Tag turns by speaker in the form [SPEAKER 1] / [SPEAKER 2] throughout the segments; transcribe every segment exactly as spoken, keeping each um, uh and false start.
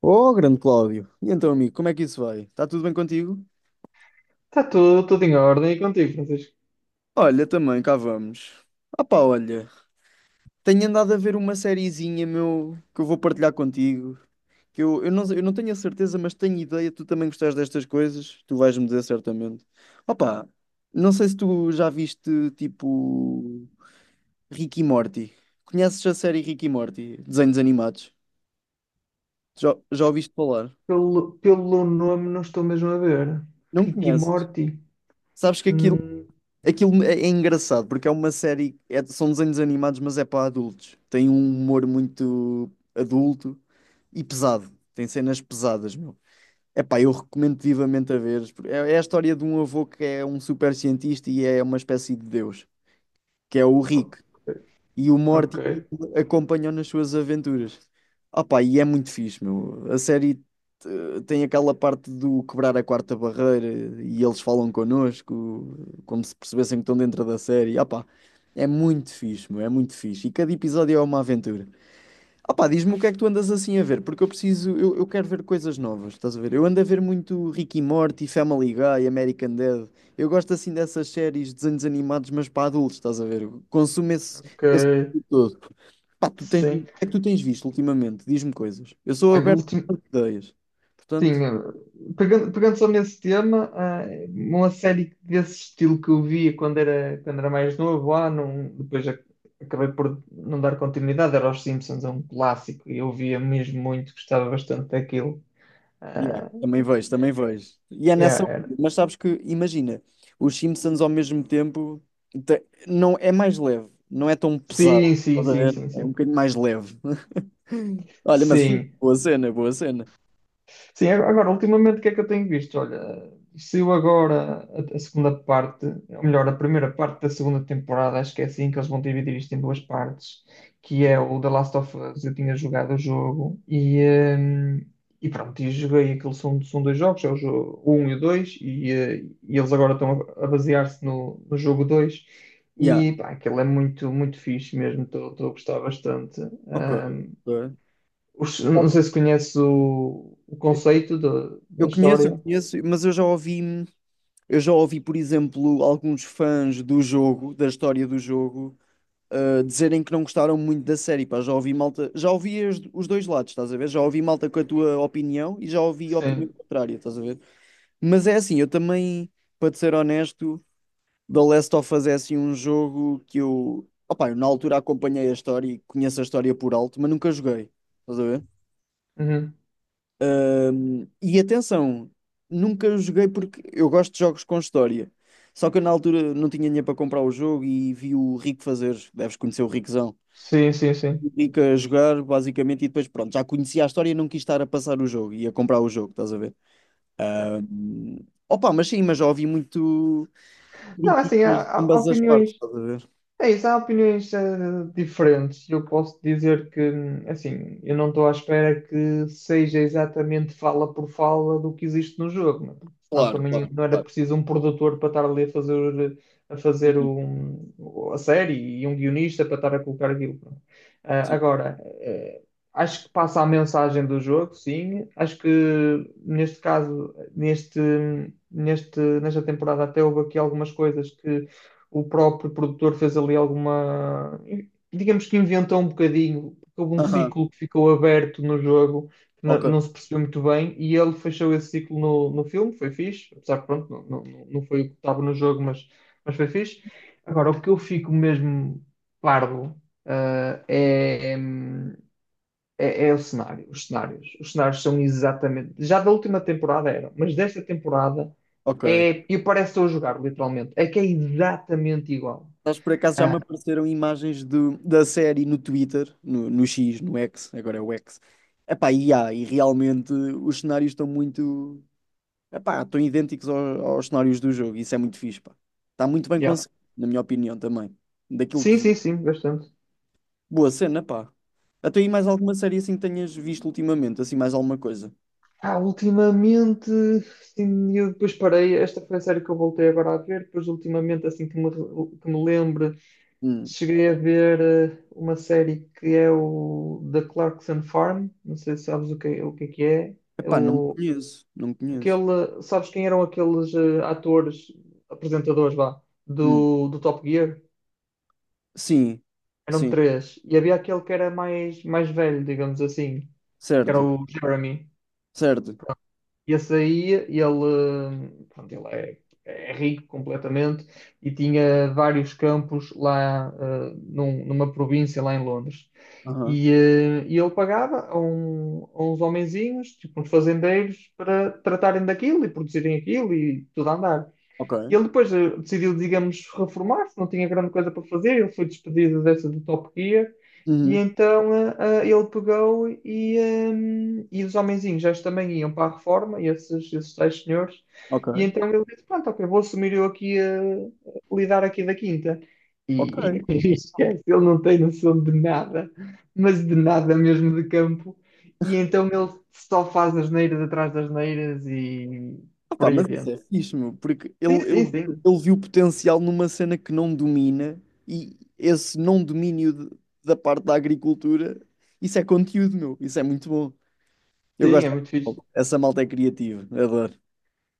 [SPEAKER 1] Oh, grande Cláudio. E então, amigo, como é que isso vai? Está tudo bem contigo?
[SPEAKER 2] Está tudo, tudo em ordem e contigo, Francisco.
[SPEAKER 1] Olha, também cá vamos. Ah pá, olha, tenho andado a ver uma sériezinha, meu, que eu vou partilhar contigo. Que eu, eu não, eu não tenho a certeza, mas tenho ideia, tu também gostas destas coisas, tu vais-me dizer certamente. Ah pá, não sei se tu já viste, tipo, Rick e Morty. Conheces a série Rick e Morty? Desenhos animados. Já, já ouviste falar?
[SPEAKER 2] Pelo, pelo nome não estou mesmo a ver.
[SPEAKER 1] Não
[SPEAKER 2] Ricky
[SPEAKER 1] conheces?
[SPEAKER 2] Morty.
[SPEAKER 1] Sabes que aquilo.
[SPEAKER 2] Hum,
[SPEAKER 1] Aquilo é é engraçado porque é uma série, é- são desenhos animados, mas é para adultos. Tem um humor muito adulto e pesado. Tem cenas pesadas, meu. Epá, eu recomendo vivamente a veres. É, é a história de um avô que é um super cientista e é uma espécie de Deus, que é o
[SPEAKER 2] ok,
[SPEAKER 1] Rick. E o
[SPEAKER 2] ok,
[SPEAKER 1] Morty acompanhou nas suas aventuras. Opa, e é muito fixe, meu. A série eh, tem aquela parte do quebrar a quarta barreira e eles falam connosco, como se percebessem que estão dentro da série. Opa, é muito fixe, meu. É muito fixe. E cada episódio é uma aventura. Opá, diz-me o que é que tu andas assim a ver, porque eu preciso, eu, eu quero ver coisas novas, estás a ver? Eu ando a ver muito Rick e Morty, Family Guy, American Dad. Eu gosto assim dessas séries de desenhos animados, mas para adultos, estás a ver? Eu consumo esse,
[SPEAKER 2] ok.
[SPEAKER 1] esse tipo todo. Pá, tu tens, o
[SPEAKER 2] Sim.
[SPEAKER 1] que é que tu tens visto ultimamente? Diz-me coisas. Eu sou
[SPEAKER 2] Olha, o
[SPEAKER 1] aberto a
[SPEAKER 2] último.
[SPEAKER 1] ideias. Portanto,
[SPEAKER 2] Tinha. Pegando, pegando só nesse tema, ah, uma série desse estilo que eu via quando era, quando era mais novo, ah, não, depois ac- acabei por não dar continuidade, era Os Simpsons, é um clássico, e eu via mesmo muito, gostava bastante daquilo.
[SPEAKER 1] yeah,
[SPEAKER 2] Ah,
[SPEAKER 1] também vejo, também vejo. E é
[SPEAKER 2] yeah,
[SPEAKER 1] nessa.
[SPEAKER 2] era.
[SPEAKER 1] Mas sabes que, imagina, os Simpsons ao mesmo tempo te- não, é mais leve, não é tão pesado.
[SPEAKER 2] Sim, sim,
[SPEAKER 1] Estás a
[SPEAKER 2] sim,
[SPEAKER 1] ver?
[SPEAKER 2] sim,
[SPEAKER 1] É um
[SPEAKER 2] sim,
[SPEAKER 1] bocadinho mais leve. Olha, mas fixe,
[SPEAKER 2] sim.
[SPEAKER 1] boa cena, boa cena.
[SPEAKER 2] Sim, ag- agora, ultimamente, o que é que eu tenho visto? Olha, saiu agora a, a segunda parte, ou melhor, a primeira parte da segunda temporada, acho que é assim que eles vão dividir isto em duas partes, que é o The Last of Us. Eu tinha jogado o jogo e, hum, e pronto, e joguei aquilo, são, são dois jogos, é o jogo um e o dois, e, eh, e eles agora estão a, a basear-se no, no jogo dois.
[SPEAKER 1] Yeah,
[SPEAKER 2] E pá, aquilo é muito, muito fixe mesmo, estou a gostar bastante.
[SPEAKER 1] ok.
[SPEAKER 2] Ahm,
[SPEAKER 1] Ok.
[SPEAKER 2] os- não sei se conheces o, o conceito da da
[SPEAKER 1] Eu conheço, eu
[SPEAKER 2] história.
[SPEAKER 1] conheço, mas eu já ouvi, eu já ouvi, por exemplo, alguns fãs do jogo, da história do jogo, uh, dizerem que não gostaram muito da série, pá, já ouvi malta, já ouvi os, os dois lados, estás a ver? Já ouvi malta com a tua opinião e já ouvi a opinião
[SPEAKER 2] Sim.
[SPEAKER 1] contrária, estás a ver? Mas é assim, eu também, para te ser honesto, The Last of Us é assim um jogo que eu, opá, eu na altura acompanhei a história e conheço a história por alto, mas nunca joguei, estás a ver?
[SPEAKER 2] Uhum.
[SPEAKER 1] Um, e atenção, nunca joguei porque eu gosto de jogos com história. Só que eu na altura não tinha dinheiro para comprar o jogo e vi o Rico fazer. Deves conhecer o Riquezão.
[SPEAKER 2] Sim, sim, sim.
[SPEAKER 1] Fica a jogar, basicamente, e depois, pronto, já conhecia a história e não quis estar a passar o jogo e a comprar o jogo, estás a ver?
[SPEAKER 2] Yeah.
[SPEAKER 1] Ah, opa, mas sim, mas já ouvi muito
[SPEAKER 2] Não,
[SPEAKER 1] crítica
[SPEAKER 2] assim, há,
[SPEAKER 1] de
[SPEAKER 2] há
[SPEAKER 1] ambas as
[SPEAKER 2] opiniões.
[SPEAKER 1] partes, estás a ver?
[SPEAKER 2] É isso, há opiniões eh, diferentes. Eu posso dizer que, assim, eu não estou à espera que seja exatamente fala por fala do que existe no jogo, né? Porque senão
[SPEAKER 1] Claro,
[SPEAKER 2] também
[SPEAKER 1] claro,
[SPEAKER 2] não era
[SPEAKER 1] claro.
[SPEAKER 2] preciso um produtor para estar ali a fazer, a fazer
[SPEAKER 1] Sim,
[SPEAKER 2] um- a série e um guionista para estar a colocar aquilo, pronto. Ah,
[SPEAKER 1] sim.
[SPEAKER 2] agora, eh, acho que passa a mensagem do jogo, sim. Acho que neste caso, neste, neste, nesta temporada até houve aqui algumas coisas que o próprio produtor fez ali alguma. Digamos que inventou um bocadinho, houve um
[SPEAKER 1] Aham,
[SPEAKER 2] ciclo que ficou aberto no jogo, que não,
[SPEAKER 1] ok,
[SPEAKER 2] não se percebeu muito bem, e ele fechou esse ciclo no, no filme, foi fixe, apesar que pronto, não, não, não foi o que estava no jogo, mas, mas foi fixe. Agora, o que eu fico mesmo parvo ah, é, é é, é o cenário, os cenários. Os cenários são exatamente. Já da última temporada eram, mas desta temporada
[SPEAKER 1] ok.
[SPEAKER 2] é. E parece que estou a jogar, literalmente. É que é exatamente igual.
[SPEAKER 1] Mas por acaso já me
[SPEAKER 2] Ah,
[SPEAKER 1] apareceram imagens do, da série no Twitter, no, no X, no X, agora é o X. Epá, e há, e realmente os cenários estão muito. Epá, estão idênticos ao- aos cenários do jogo, isso é muito fixe, pá. Está muito bem
[SPEAKER 2] yeah.
[SPEAKER 1] conseguido, na minha opinião também. Daquilo que
[SPEAKER 2] Sim,
[SPEAKER 1] vi.
[SPEAKER 2] sim, sim, bastante.
[SPEAKER 1] Boa cena, pá. Até aí mais alguma série assim que tenhas visto ultimamente, assim mais alguma coisa?
[SPEAKER 2] Ah, ultimamente, sim, eu depois parei. Esta foi a série que eu voltei agora a ver. Depois, ultimamente, assim que me, que me lembro,
[SPEAKER 1] Hum.
[SPEAKER 2] cheguei a ver eh, uma série que é o The Clarkson Farm. Não sei se sabes o que, o que é que é. É
[SPEAKER 1] Epá, não
[SPEAKER 2] o,
[SPEAKER 1] conheço, não conheço.
[SPEAKER 2] aquele, sabes quem eram aqueles eh, atores, apresentadores, vá,
[SPEAKER 1] Hum.
[SPEAKER 2] do, do Top Gear?
[SPEAKER 1] Sim,
[SPEAKER 2] Eram
[SPEAKER 1] sim,
[SPEAKER 2] três. E havia aquele que era mais, mais velho, digamos assim, que era
[SPEAKER 1] certo,
[SPEAKER 2] o Jeremy.
[SPEAKER 1] certo.
[SPEAKER 2] E esse aí, ele, eh, pronto, ele é, é rico completamente e tinha vários campos lá, eh, num- numa província lá em Londres.
[SPEAKER 1] Aham,
[SPEAKER 2] E, eh, e ele pagava a, um- a uns homenzinhos, tipo uns fazendeiros, para tratarem daquilo e produzirem aquilo e tudo a andar. E
[SPEAKER 1] ok.
[SPEAKER 2] ele depois eh, decidiu, digamos, reformar-se, não tinha grande coisa para fazer, ele foi despedido dessa do Top Gear, e
[SPEAKER 1] Uhum.
[SPEAKER 2] então eh, eh, ele pegou e, eh, e os homenzinhos já também iam para a reforma, e esses, esses tais senhores, e
[SPEAKER 1] Ok,
[SPEAKER 2] então ele disse, pronto, ok, vou assumir eu aqui a lidar aqui da quinta. E
[SPEAKER 1] ok.
[SPEAKER 2] esquece, ele não tem noção de nada, mas de nada mesmo de campo, e então ele só faz asneiras atrás das neiras e
[SPEAKER 1] Ah
[SPEAKER 2] por
[SPEAKER 1] pá,
[SPEAKER 2] aí
[SPEAKER 1] mas isso
[SPEAKER 2] adiante.
[SPEAKER 1] é fixe, meu, porque ele,
[SPEAKER 2] Sim, sim,
[SPEAKER 1] ele,
[SPEAKER 2] sim.
[SPEAKER 1] ele viu potencial numa cena que não domina e esse não domínio de- da parte da agricultura, isso é conteúdo, meu, isso é muito bom. Eu
[SPEAKER 2] Sim,
[SPEAKER 1] gosto
[SPEAKER 2] é
[SPEAKER 1] dessa
[SPEAKER 2] muito fixe.
[SPEAKER 1] malta. Essa malta é criativa, adoro.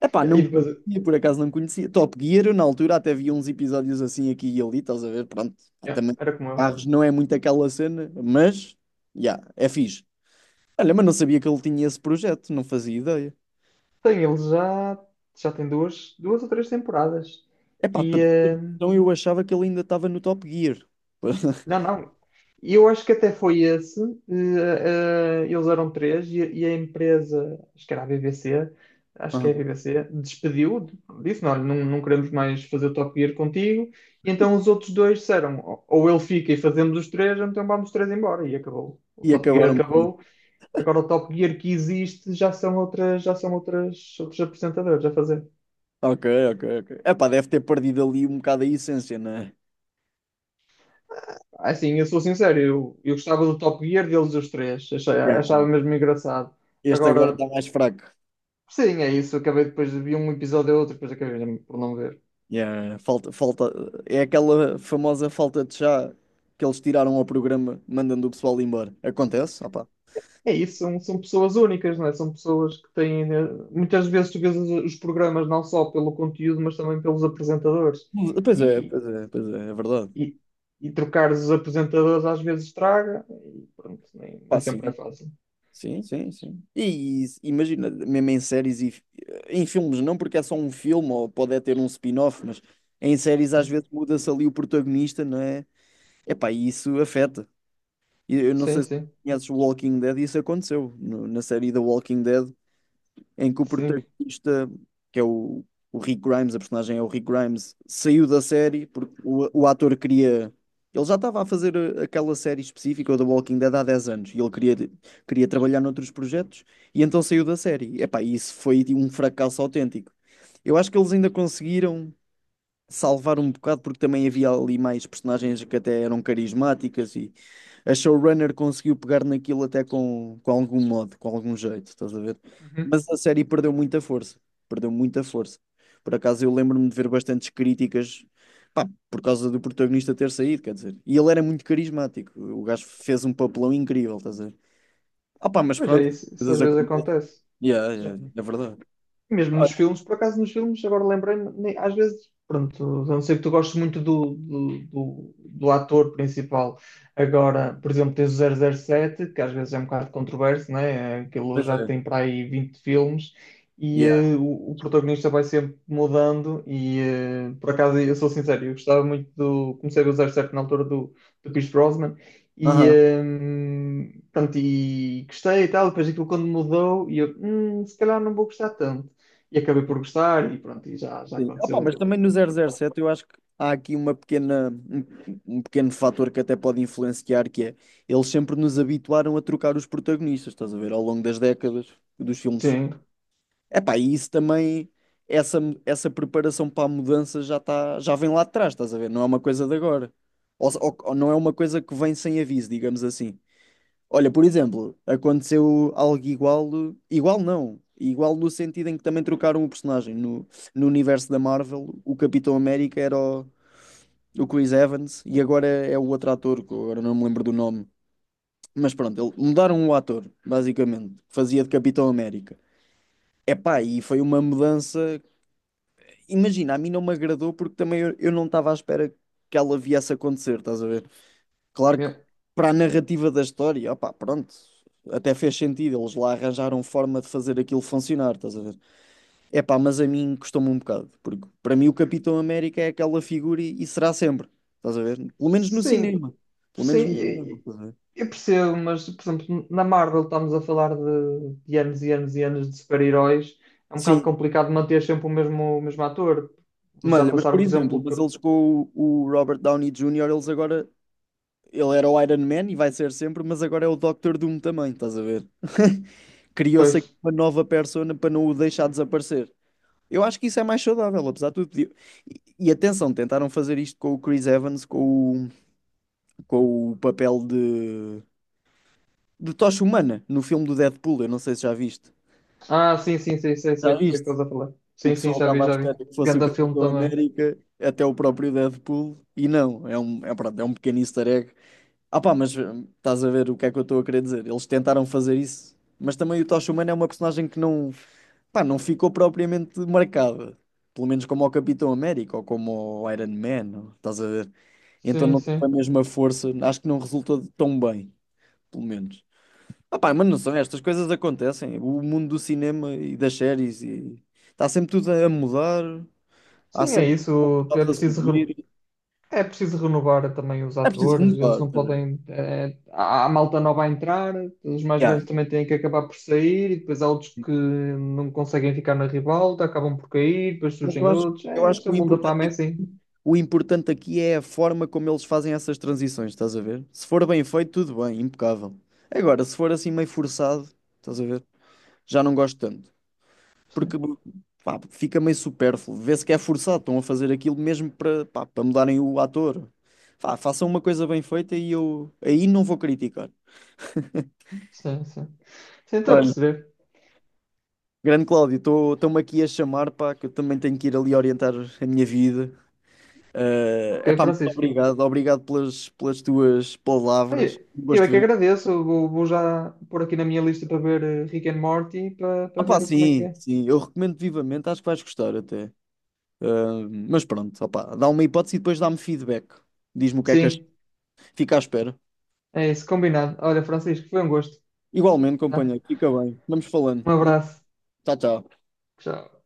[SPEAKER 1] É pá,
[SPEAKER 2] E
[SPEAKER 1] não
[SPEAKER 2] depois,
[SPEAKER 1] conhecia, por acaso não conhecia. Top Gear, eu na altura até vi uns episódios assim aqui e ali, estás a ver? Pronto, pá,
[SPEAKER 2] yeah,
[SPEAKER 1] também
[SPEAKER 2] era como eu.
[SPEAKER 1] carros não é muito aquela cena, mas, já, é fixe. Olha, mas não sabia que ele tinha esse projeto, não fazia ideia.
[SPEAKER 2] Tem, ele já, já tem duas, duas ou três temporadas.
[SPEAKER 1] Epá,
[SPEAKER 2] E,
[SPEAKER 1] para
[SPEAKER 2] eh,
[SPEAKER 1] ter noção, eu achava que ele ainda estava no Top Gear.
[SPEAKER 2] não, não. E eu acho que até foi esse. eh, eh, eles eram três e, e a empresa, acho que era a B B C, acho que é a
[SPEAKER 1] Aham.
[SPEAKER 2] B B C, despediu, disse, não, olha, não, não queremos mais fazer o Top Gear contigo. E então os outros dois disseram, ou ou ele fica e fazemos os três, ou então vamos os três embora. E acabou. O
[SPEAKER 1] E
[SPEAKER 2] Top Gear
[SPEAKER 1] acabaram por ir.
[SPEAKER 2] acabou. Agora o Top Gear que existe já são outras, já são outras, outros apresentadores a fazer.
[SPEAKER 1] Ok, ok, ok. Epá, deve ter perdido ali um bocado a essência, né?
[SPEAKER 2] Ah, assim, eu sou sincero, eu, eu gostava do Top Gear deles os três,
[SPEAKER 1] Yeah.
[SPEAKER 2] achava, achava mesmo engraçado.
[SPEAKER 1] Este agora
[SPEAKER 2] Agora,
[SPEAKER 1] está mais fraco.
[SPEAKER 2] sim, é isso. Acabei depois de ver um episódio ou outro, depois acabei por não ver.
[SPEAKER 1] Yeah, falta, falta, é aquela famosa falta de chá que eles tiraram ao programa, mandando o pessoal embora. Acontece? Ah, pá.
[SPEAKER 2] É isso, são, são pessoas únicas, não é? São pessoas que têm, eh, muitas vezes tu vês os, os programas não só pelo conteúdo, mas também pelos apresentadores.
[SPEAKER 1] Pois é,
[SPEAKER 2] E,
[SPEAKER 1] pois é, pois é, é verdade.
[SPEAKER 2] e, e trocar os apresentadores às vezes traga, e pronto, nem nem
[SPEAKER 1] Pá,
[SPEAKER 2] sempre é
[SPEAKER 1] sim.
[SPEAKER 2] fácil.
[SPEAKER 1] Sim, sim, sim. E, e imagina, mesmo em séries e fi- em filmes, não porque é só um filme ou pode é ter um spin-off, mas em séries às vezes muda-se ali o protagonista, não é? Epá, e isso afeta. E eu não
[SPEAKER 2] Sim,
[SPEAKER 1] sei se
[SPEAKER 2] sim,
[SPEAKER 1] conheces o Walking Dead, isso aconteceu no- na série The Walking Dead em que o
[SPEAKER 2] sim.
[SPEAKER 1] protagonista, que é o, o Rick Grimes, a personagem é o Rick Grimes, saiu da série porque o, o ator queria. Ele já estava a fazer uh, aquela série específica, o The Walking Dead, há dez anos, e ele queria, queria, trabalhar noutros projetos, e então saiu da série. Epá, isso foi tipo, um fracasso autêntico. Eu acho que eles ainda conseguiram salvar um bocado, porque também havia ali mais personagens que até eram carismáticas e a showrunner conseguiu pegar naquilo até com, com algum modo, com algum jeito, estás a ver?
[SPEAKER 2] Uhum.
[SPEAKER 1] Mas a série perdeu muita força, perdeu muita força. Por acaso eu lembro-me de ver bastantes críticas, pá, por causa do protagonista ter saído, quer dizer. E ele era muito carismático, o gajo fez um papelão incrível, estás a ver? Ah pá, mas
[SPEAKER 2] Mas é
[SPEAKER 1] pronto,
[SPEAKER 2] isso, isso às
[SPEAKER 1] coisas
[SPEAKER 2] vezes
[SPEAKER 1] acontecem.
[SPEAKER 2] acontece.
[SPEAKER 1] Yeah, yeah, yeah, é verdade.
[SPEAKER 2] Mesmo
[SPEAKER 1] Ah,
[SPEAKER 2] nos filmes, por acaso nos filmes, agora lembrei-me, nem- às vezes, pronto, a não ser que tu gostes muito do, do, do, do ator principal. Agora, por exemplo, tens o zero zero sete que às vezes é um bocado controverso, né? Aquilo
[SPEAKER 1] pois
[SPEAKER 2] já
[SPEAKER 1] é.
[SPEAKER 2] tem para aí vinte filmes e
[SPEAKER 1] Yeah.
[SPEAKER 2] eh, o, o protagonista vai sempre mudando. E eh, por acaso, eu sou sincero, eu gostava muito do. Comecei a ver o zero zero sete na altura do, do Pierce Brosnan. E,
[SPEAKER 1] Aham.
[SPEAKER 2] hum, pronto, e gostei e tal, depois aquilo quando mudou, e eu, "Hum, se calhar não vou gostar tanto", e acabei por gostar e pronto, e já, já
[SPEAKER 1] Sim. Opa, mas
[SPEAKER 2] aconteceu.
[SPEAKER 1] também no zero zero sete eu acho que há aqui uma pequena, um, um pequeno fator que até pode influenciar, que é eles sempre nos habituaram a trocar os protagonistas, estás a ver, ao longo das décadas dos filmes.
[SPEAKER 2] Sim,
[SPEAKER 1] Epá, e isso também, essa, essa preparação para a mudança já tá, já vem lá de trás, estás a ver, não é uma coisa de agora. Ou, se- ou- ou não é uma coisa que vem sem aviso, digamos assim. Olha, por exemplo, aconteceu algo igual, igual não, igual no sentido em que também trocaram o personagem. No, no universo da Marvel, o Capitão América era o, o Chris Evans e agora é o outro ator, que eu agora não me lembro do nome. Mas pronto, ele- mudaram o ator, basicamente, que fazia de Capitão América. Epá, e foi uma mudança. Imagina, a mim não me agradou porque também eu, eu não estava à espera que ela viesse a acontecer, estás a ver? Claro que
[SPEAKER 2] é.
[SPEAKER 1] para a narrativa da história, opá, pronto, até fez sentido, eles lá arranjaram forma de fazer aquilo funcionar, estás a ver? É pá mas a mim custou-me um bocado, porque para mim o Capitão América é aquela figura e, e será sempre, estás a ver? Pelo menos no
[SPEAKER 2] Sim,
[SPEAKER 1] cinema, pelo
[SPEAKER 2] sim,
[SPEAKER 1] menos no
[SPEAKER 2] e-
[SPEAKER 1] cinema,
[SPEAKER 2] e-
[SPEAKER 1] estás a ver?
[SPEAKER 2] eu percebo, mas por exemplo, na Marvel estamos a falar de, de anos e anos e anos de super-heróis, é um bocado
[SPEAKER 1] Sim,
[SPEAKER 2] complicado manter sempre o mesmo, o mesmo ator. Já
[SPEAKER 1] malha, mas
[SPEAKER 2] passaram,
[SPEAKER 1] por
[SPEAKER 2] por exemplo,
[SPEAKER 1] exemplo,
[SPEAKER 2] pe-
[SPEAKER 1] mas eles com o, o Robert Downey júnior, eles agora, ele era o Iron Man e vai ser sempre, mas agora é o Doctor Doom também, estás a ver? Criou-se aqui
[SPEAKER 2] pois.
[SPEAKER 1] uma nova persona para não o deixar desaparecer. Eu acho que isso é mais saudável, apesar de tudo. E, e atenção, tentaram fazer isto com o Chris Evans, com o, com o papel de, de tocha humana no filme do Deadpool. Eu não sei se já viste.
[SPEAKER 2] Ah, sim, sim, sim, sei,
[SPEAKER 1] Já
[SPEAKER 2] sei, sei o
[SPEAKER 1] viste?
[SPEAKER 2] que estás a falar.
[SPEAKER 1] O
[SPEAKER 2] Sim, sim,
[SPEAKER 1] pessoal
[SPEAKER 2] já vi,
[SPEAKER 1] estava à
[SPEAKER 2] já vi.
[SPEAKER 1] espera que fosse o
[SPEAKER 2] Ganda filme
[SPEAKER 1] Capitão
[SPEAKER 2] também.
[SPEAKER 1] América, até o próprio Deadpool, e não, é um, é, pronto, é um pequeno easter egg. Ah pá, mas hum, estás a ver o que é que eu estou a querer dizer? Eles tentaram fazer isso, mas também o Tocha Humana é uma personagem que não. Pá, não ficou propriamente marcada. Pelo menos como ao Capitão América ou como ao Iron Man, ou- estás a ver? Então
[SPEAKER 2] Sim,
[SPEAKER 1] não teve a
[SPEAKER 2] sim.
[SPEAKER 1] mesma força, acho que não resultou tão bem, pelo menos. Ah, pá, mas não são, estas coisas acontecem. O mundo do cinema e das séries e está sempre tudo a mudar, há
[SPEAKER 2] Sim, é
[SPEAKER 1] sempre
[SPEAKER 2] isso. É
[SPEAKER 1] coisas a
[SPEAKER 2] preciso.
[SPEAKER 1] surgir.
[SPEAKER 2] É preciso renovar também os
[SPEAKER 1] É preciso
[SPEAKER 2] atores, eles
[SPEAKER 1] renovar,
[SPEAKER 2] não
[SPEAKER 1] quer dizer.
[SPEAKER 2] podem, eh, há há malta nova a entrar, os mais
[SPEAKER 1] Yeah.
[SPEAKER 2] velhos também têm que acabar por sair, e depois há outros que não conseguem ficar na ribalta, acabam por cair, depois
[SPEAKER 1] Mas eu
[SPEAKER 2] surgem
[SPEAKER 1] acho,
[SPEAKER 2] outros.
[SPEAKER 1] eu
[SPEAKER 2] É,
[SPEAKER 1] acho
[SPEAKER 2] este
[SPEAKER 1] que
[SPEAKER 2] é o
[SPEAKER 1] o
[SPEAKER 2] mundo da fama, é
[SPEAKER 1] importante é
[SPEAKER 2] assim.
[SPEAKER 1] O importante aqui é a forma como eles fazem essas transições, estás a ver? Se for bem feito, tudo bem, impecável. Agora, se for assim meio forçado, estás a ver? Já não gosto tanto. Porque
[SPEAKER 2] Sim,
[SPEAKER 1] pá, fica meio supérfluo. Vê-se que é forçado, estão a fazer aquilo mesmo para pá, para mudarem o ator. Pá, façam uma coisa bem feita e eu aí não vou criticar.
[SPEAKER 2] sim, sim. Sim, estou a
[SPEAKER 1] Olha,
[SPEAKER 2] perceber.
[SPEAKER 1] grande Cláudio, estou-me aqui a chamar, pá, que eu também tenho que ir ali orientar a minha vida. É
[SPEAKER 2] Ok,
[SPEAKER 1] epá, muito
[SPEAKER 2] Francisco.
[SPEAKER 1] obrigado, obrigado pelas, pelas tuas
[SPEAKER 2] Ai,
[SPEAKER 1] palavras.
[SPEAKER 2] eu é
[SPEAKER 1] Gosto de
[SPEAKER 2] que
[SPEAKER 1] ver.
[SPEAKER 2] agradeço, eu vou, vou já pôr aqui na minha lista para ver eh, Rick and Morty, para,
[SPEAKER 1] Ah,
[SPEAKER 2] para
[SPEAKER 1] pá,
[SPEAKER 2] ver como é que
[SPEAKER 1] sim,
[SPEAKER 2] é.
[SPEAKER 1] sim, eu recomendo vivamente, acho que vais gostar até. Ah, mas pronto, opá, dá uma hipótese e depois dá-me feedback. Diz-me o que é que achas.
[SPEAKER 2] Sim,
[SPEAKER 1] Fica à espera.
[SPEAKER 2] é isso, combinado. Olha, Francisco, foi um gosto,
[SPEAKER 1] Igualmente,
[SPEAKER 2] tá?
[SPEAKER 1] companheiro, fica bem. Vamos
[SPEAKER 2] Um
[SPEAKER 1] falando.
[SPEAKER 2] abraço.
[SPEAKER 1] Tchau, tchau.
[SPEAKER 2] Tchau.